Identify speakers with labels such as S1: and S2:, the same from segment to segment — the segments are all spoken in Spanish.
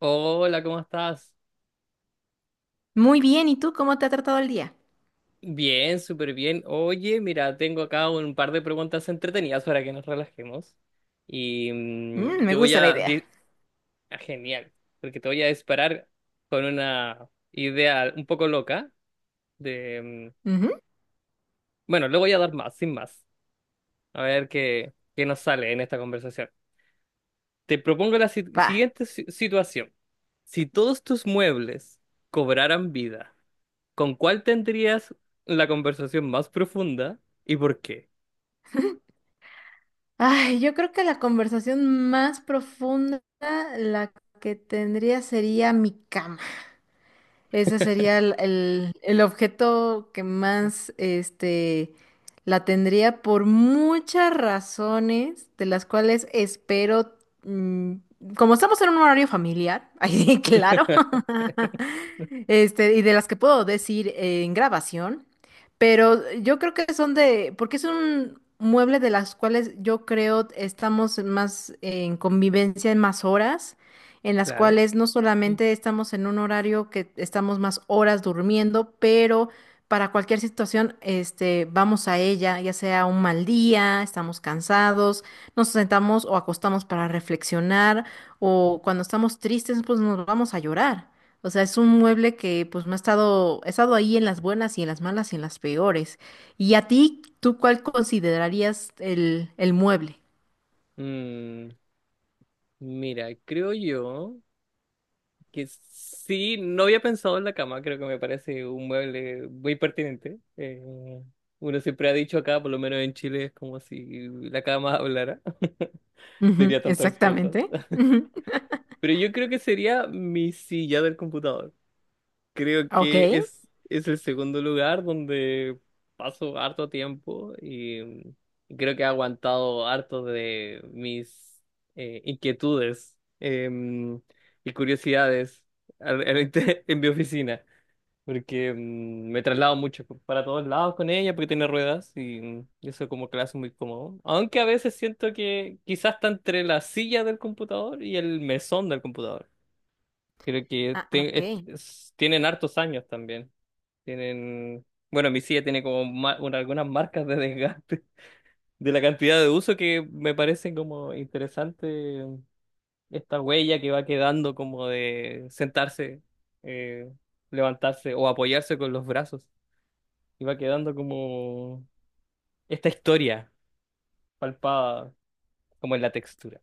S1: Hola, ¿cómo estás?
S2: Muy bien, ¿y tú cómo te ha tratado el día?
S1: Bien, súper bien. Oye, mira, tengo acá un par de preguntas entretenidas para que nos relajemos. Te
S2: Me
S1: voy
S2: gusta la
S1: a...
S2: idea.
S1: ah, genial, porque te voy a disparar con una idea un poco loca de... mm,
S2: Ujú.
S1: Bueno, le voy a dar más, sin más. A ver qué nos sale en esta conversación. Te propongo la
S2: Va.
S1: siguiente situación. Si todos tus muebles cobraran vida, ¿con cuál tendrías la conversación más profunda y por qué?
S2: Ay, yo creo que la conversación más profunda, la que tendría sería mi cama. Ese sería el objeto que más la tendría por muchas razones, de las cuales espero, mm, como estamos en un horario familiar, ahí claro, y de las que puedo decir en grabación, pero yo creo que porque es un mueble de las cuales yo creo estamos más en convivencia en más horas, en las
S1: Claro.
S2: cuales no solamente estamos en un horario que estamos más horas durmiendo, pero para cualquier situación, vamos a ella, ya sea un mal día, estamos cansados, nos sentamos o acostamos para reflexionar, o cuando estamos tristes, pues nos vamos a llorar. O sea, es un mueble que pues ha estado ahí en las buenas y en las malas y en las peores. ¿Y a ti, tú cuál considerarías el mueble?
S1: Mm, mira, creo yo que sí, no había pensado en la cama, creo que me parece un mueble muy pertinente. Uno siempre ha dicho acá, por lo menos en Chile, es como si la cama hablara,
S2: Ujú,
S1: diría tantas cosas.
S2: exactamente. Ujú.
S1: Pero yo creo que sería mi silla del computador. Creo
S2: Ok.
S1: que es el segundo lugar donde paso harto tiempo y creo que he aguantado harto de mis inquietudes y curiosidades en mi oficina, porque me traslado mucho para todos lados con ella porque tiene ruedas y eso como que la hace muy cómodo. Aunque a veces siento que quizás está entre la silla del computador y el mesón del computador. Creo que
S2: Ah, ah, ok.
S1: tienen hartos años también. Tienen, bueno, mi silla tiene como algunas marcas de desgaste de la cantidad de uso que me parece como interesante esta huella que va quedando como de sentarse, eh, levantarse o apoyarse con los brazos. Y va quedando como esta historia palpada como en la textura.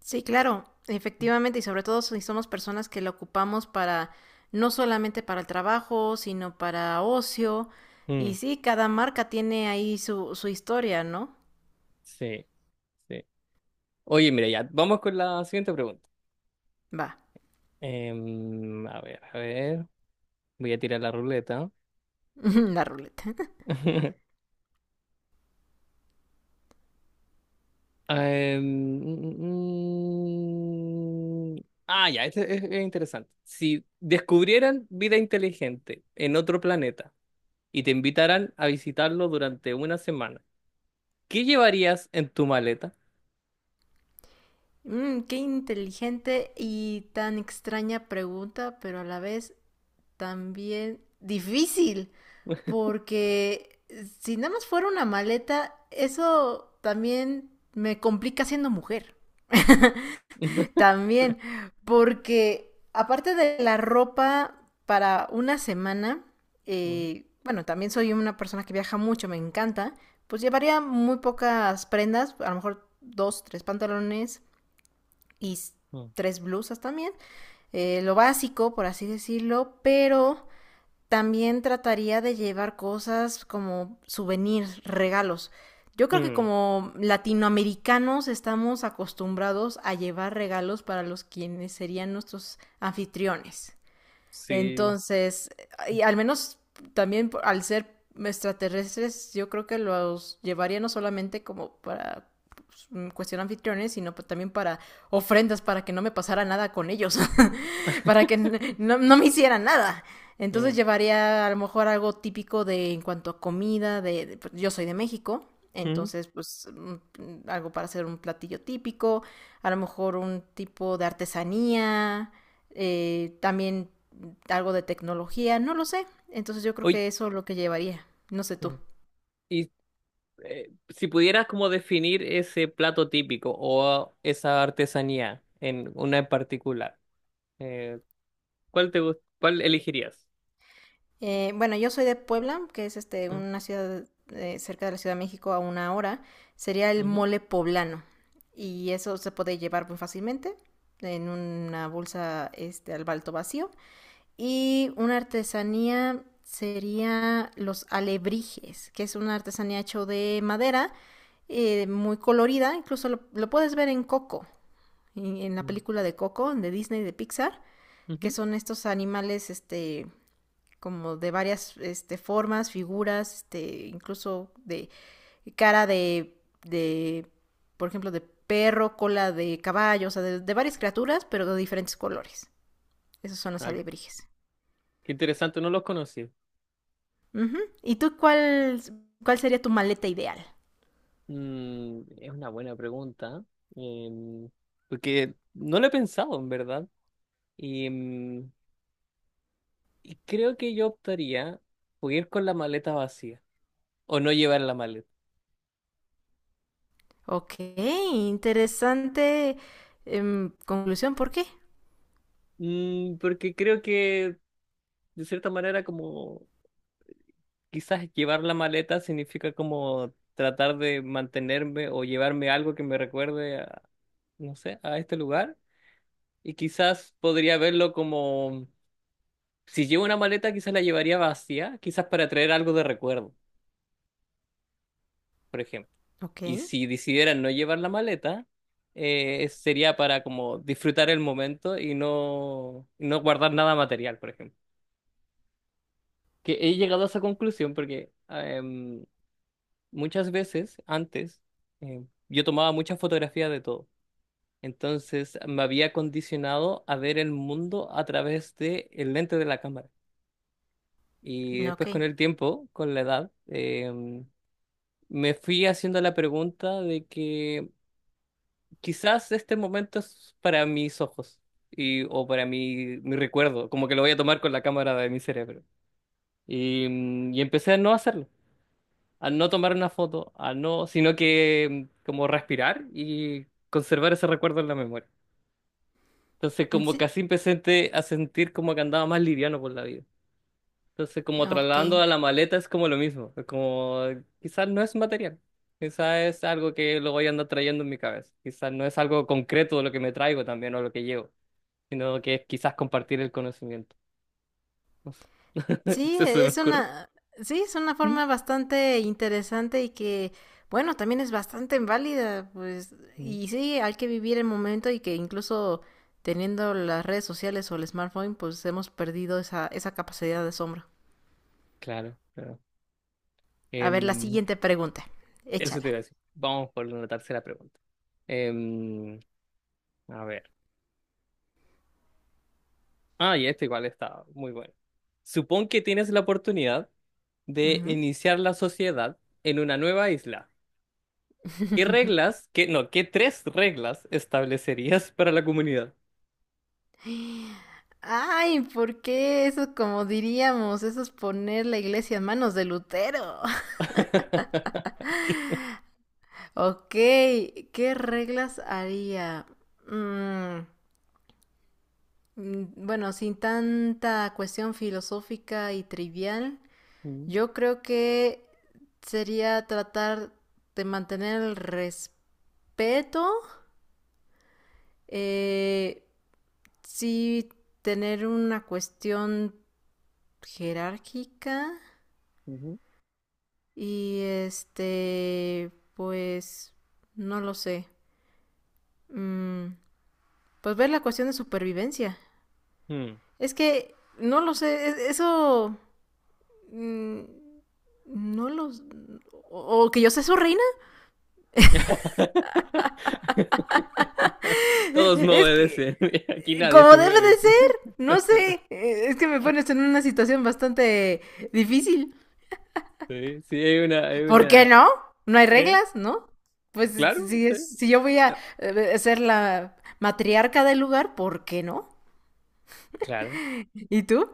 S2: Sí, claro, efectivamente, y sobre todo si somos personas que lo ocupamos no solamente para el trabajo, sino para ocio.
S1: Mm,
S2: Y sí, cada marca tiene ahí su historia, ¿no?
S1: sí, sí. Oye, mira, ya, vamos con la siguiente pregunta.
S2: Va.
S1: A ver, a ver. Voy a tirar la ruleta.
S2: La ruleta.
S1: Em, mm, mm, mm. Ah, ya, es interesante. Si descubrieran vida inteligente en otro planeta y te invitaran a visitarlo durante una semana, ¿qué llevarías en tu maleta?
S2: Qué inteligente y tan extraña pregunta, pero a la vez también difícil, porque si nada más fuera una maleta, eso también me complica siendo mujer. También, porque aparte de la ropa para una semana,
S1: Mm,
S2: bueno, también soy una persona que viaja mucho, me encanta, pues llevaría muy pocas prendas, a lo mejor dos, tres pantalones y
S1: mm.
S2: tres blusas también, lo básico, por así decirlo, pero también trataría de llevar cosas como souvenirs, regalos. Yo creo que
S1: Mm,
S2: como latinoamericanos estamos acostumbrados a llevar regalos para los quienes serían nuestros anfitriones.
S1: sí.
S2: Entonces, y al menos también al ser extraterrestres, yo creo que los llevaría no solamente como para pues, cuestión anfitriones, sino también para ofrendas, para que no me pasara nada con ellos, para que no, no me hicieran nada. Entonces
S1: mm,
S2: llevaría a lo mejor algo típico de en cuanto a comida, pues, yo soy de México,
S1: mm.
S2: entonces pues algo para hacer un platillo típico, a lo mejor un tipo de artesanía, también algo de tecnología, no lo sé. Entonces yo creo
S1: Oye,
S2: que eso es lo que llevaría, no sé tú.
S1: mm. y si pudieras como definir ese plato típico o esa artesanía en una en particular, eh, ¿cuál te cuál elegirías?
S2: Bueno, yo soy de Puebla, que es
S1: Mm,
S2: una ciudad cerca de la Ciudad de México, a una hora. Sería el
S1: ujú,
S2: mole poblano, y eso se puede llevar muy fácilmente en una bolsa, al balto vacío. Y una artesanía sería los alebrijes, que es una artesanía hecho de madera, muy colorida, incluso lo puedes ver en coco, en la
S1: mm,
S2: película de Coco, de Disney, de Pixar, que
S1: ujú.
S2: son estos animales, como de varias, formas, figuras, incluso de cara de, por ejemplo, de perro, cola de caballo, o sea, de varias criaturas, pero de diferentes colores. Esos son los
S1: Ah,
S2: alebrijes.
S1: qué interesante, no los conocí.
S2: Uh -huh. ¿Y tú cuál, cuál sería tu maleta ideal?
S1: Es una buena pregunta, em, porque no lo he pensado en verdad. Y, mm, y creo que yo optaría por ir con la maleta vacía o no llevar la maleta.
S2: Ok, interesante conclusión, ¿por qué?
S1: Porque creo que de cierta manera como quizás llevar la maleta significa como tratar de mantenerme o llevarme algo que me recuerde a, no sé, a este lugar. Y quizás podría verlo como, si llevo una maleta, quizás la llevaría vacía, quizás para traer algo de recuerdo, por ejemplo.
S2: Ok,
S1: Y si decidiera no llevar la maleta, sería para como disfrutar el momento y no, no guardar nada material, por ejemplo. Que he llegado a esa conclusión porque muchas veces antes yo tomaba muchas fotografías de todo. Entonces me había condicionado a ver el mundo a través de el lente de la cámara. Y
S2: ok,
S1: después con el tiempo, con la edad, me fui haciendo la pregunta de que quizás este momento es para mis ojos y, o para mi recuerdo, como que lo voy a tomar con la cámara de mi cerebro. Y empecé a no hacerlo, a no tomar una foto, a no, sino que como respirar y conservar ese recuerdo en la memoria. Entonces como que
S2: sí,
S1: así empecé a sentir como que andaba más liviano por la vida. Entonces, como
S2: ok.
S1: trasladando a la maleta es como lo mismo, es como quizás no es material, quizás es algo que lo voy a andar trayendo en mi cabeza, quizás no es algo concreto lo que me traigo también o lo que llevo, sino que es quizás compartir el conocimiento. No sé.
S2: Sí,
S1: Eso se
S2: e,
S1: me
S2: es
S1: ocurre.
S2: una, sí, es una
S1: ¿Mm?
S2: forma bastante interesante y que, bueno, también es bastante válida, pues,
S1: Mm.
S2: y sí, hay que vivir el momento y que incluso teniendo las redes sociales o el smartphone, pues hemos perdido esa capacidad de asombro.
S1: Claro, claro.
S2: A ver, la
S1: Em,
S2: siguiente pregunta,
S1: eso te iba
S2: échala.
S1: a decir. Vamos por una tercera pregunta. Em, a ver. Ah, y esta igual está muy buena. Supón que tienes la oportunidad de
S2: Ujú.
S1: iniciar la sociedad en una nueva isla. ¿Qué reglas, qué, no, qué tres reglas establecerías para la comunidad?
S2: Ay, ¿por qué eso, como diríamos, eso es poner la iglesia en manos de Lutero? Ok, ¿qué reglas haría? Mm, Bueno, sin tanta cuestión filosófica y trivial,
S1: Mm,
S2: yo creo que sería tratar de mantener el respeto, eh, sí tener una cuestión jerárquica,
S1: ujú.
S2: y pues, no lo sé. Mm, pues ver la cuestión de supervivencia.
S1: Mm.
S2: Es que no lo sé. Eso... Mm, No los... O que yo sea su reina.
S1: Todos me
S2: Es
S1: obedecen.
S2: que...
S1: Aquí nadie
S2: Como
S1: se
S2: debe de
S1: mueve.
S2: ser. No sé. Es que me pones en una situación bastante difícil.
S1: Sí, sí, hay hay
S2: ¿Por qué
S1: una.
S2: no? No hay
S1: ¿Eh?
S2: reglas, ¿no? Pues
S1: Claro,
S2: si,
S1: sí,
S2: si yo voy a ser la matriarca del lugar, ¿por qué no?
S1: claro.
S2: ¿Y tú?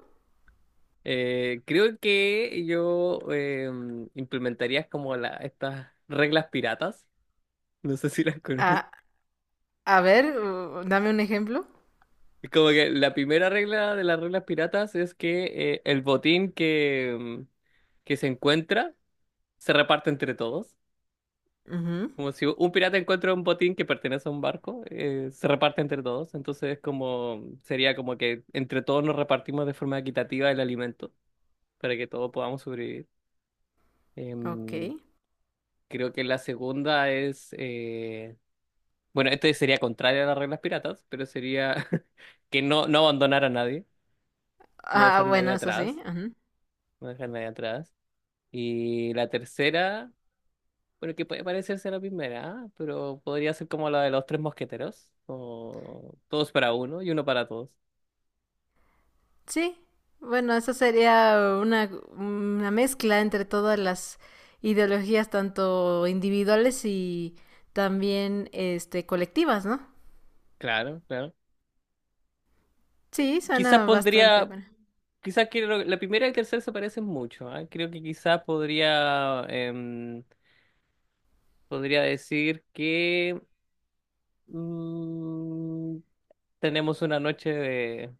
S1: Creo que yo implementaría como estas reglas piratas. No sé si las conoces.
S2: A, a ver, dame un ejemplo.
S1: Es como que la primera regla de las reglas piratas es que el botín que se encuentra se reparte entre todos.
S2: Ujú.
S1: Como si un pirata encuentra un botín que pertenece a un barco, se reparte entre todos. Entonces es como sería como que entre todos nos repartimos de forma equitativa el alimento para que todos podamos sobrevivir.
S2: Ok.
S1: Em, creo que la segunda es, bueno, este sería contrario a las reglas piratas, pero sería que no, no abandonar a nadie, no
S2: Ah,
S1: dejar a nadie
S2: bueno, eso sí.
S1: atrás. Voy a dejarla ahí atrás. Y la tercera, bueno, que puede parecerse a la primera, ¿ah? Pero podría ser como la de los tres mosqueteros, o todos para uno y uno para todos.
S2: Sí, bueno, eso sería una mezcla entre todas las ideologías, tanto individuales y también colectivas, ¿no?
S1: Claro, claro.
S2: Sí,
S1: Quizás
S2: suena bastante
S1: pondría,
S2: bueno.
S1: quizás que la primera y la tercera se parecen mucho, ¿ah? Creo que quizás podría, podría decir que mm, tenemos una noche de,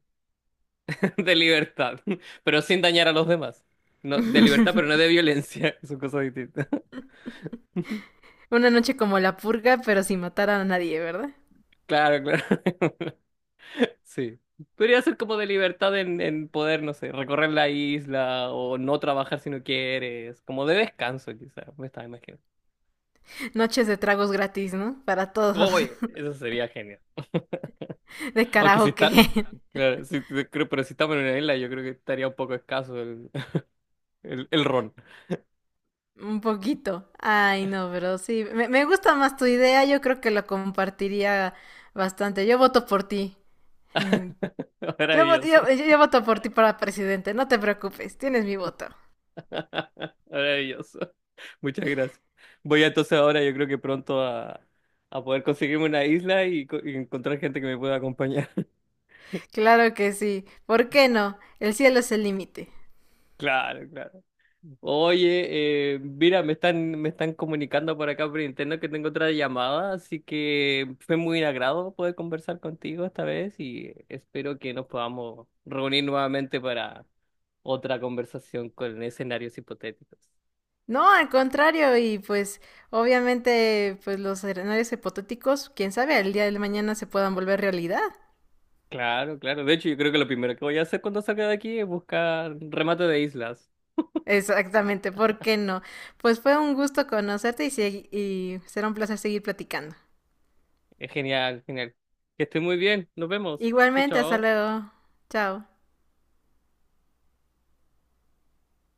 S1: de libertad, pero sin dañar a los demás. No, de libertad, pero no de violencia, son cosas distintas.
S2: Una noche como la purga, pero sin matar a nadie, ¿verdad?
S1: Claro, claro. Sí. Podría ser como de libertad en poder, no sé, recorrer la isla o no trabajar si no quieres, como de descanso quizás, me estaba imaginando.
S2: Noches de tragos gratis, ¿no? Para todos.
S1: Oye, eso sería genial.
S2: De
S1: Aunque si
S2: karaoke.
S1: está, claro, si, creo- pero si estamos en una isla, yo creo que estaría un poco escaso el ron.
S2: Un poquito. Ay, no, pero sí. Me gusta más tu idea, yo creo que la compartiría bastante. Yo voto por ti. Yo, vo-
S1: Maravilloso.
S2: yo- yo- yo voto por ti para presidente, no te preocupes, tienes mi voto.
S1: Maravilloso. Muchas gracias. Voy entonces ahora, yo creo que pronto a poder conseguirme una isla y, y encontrar gente que me pueda acompañar.
S2: Claro que sí, ¿por qué no? El cielo es el límite.
S1: Claro, claro. Oye, mira, me están comunicando por acá por interno que tengo otra llamada, así que fue muy un agrado poder conversar contigo esta vez y espero que nos podamos reunir nuevamente para otra conversación con escenarios hipotéticos.
S2: No, al contrario, y pues obviamente pues los escenarios hipotéticos, quién sabe, el día de mañana se puedan volver realidad.
S1: Claro, claro. De hecho, yo creo que lo primero que voy a hacer cuando salga de aquí es buscar remate de islas.
S2: Exactamente, ¿por qué no? Pues fue un gusto conocerte y, y será un placer seguir platicando.
S1: Es genial, genial. Que esté muy bien. Nos vemos. Chao,
S2: Igualmente, hasta
S1: chao.
S2: luego. Chao.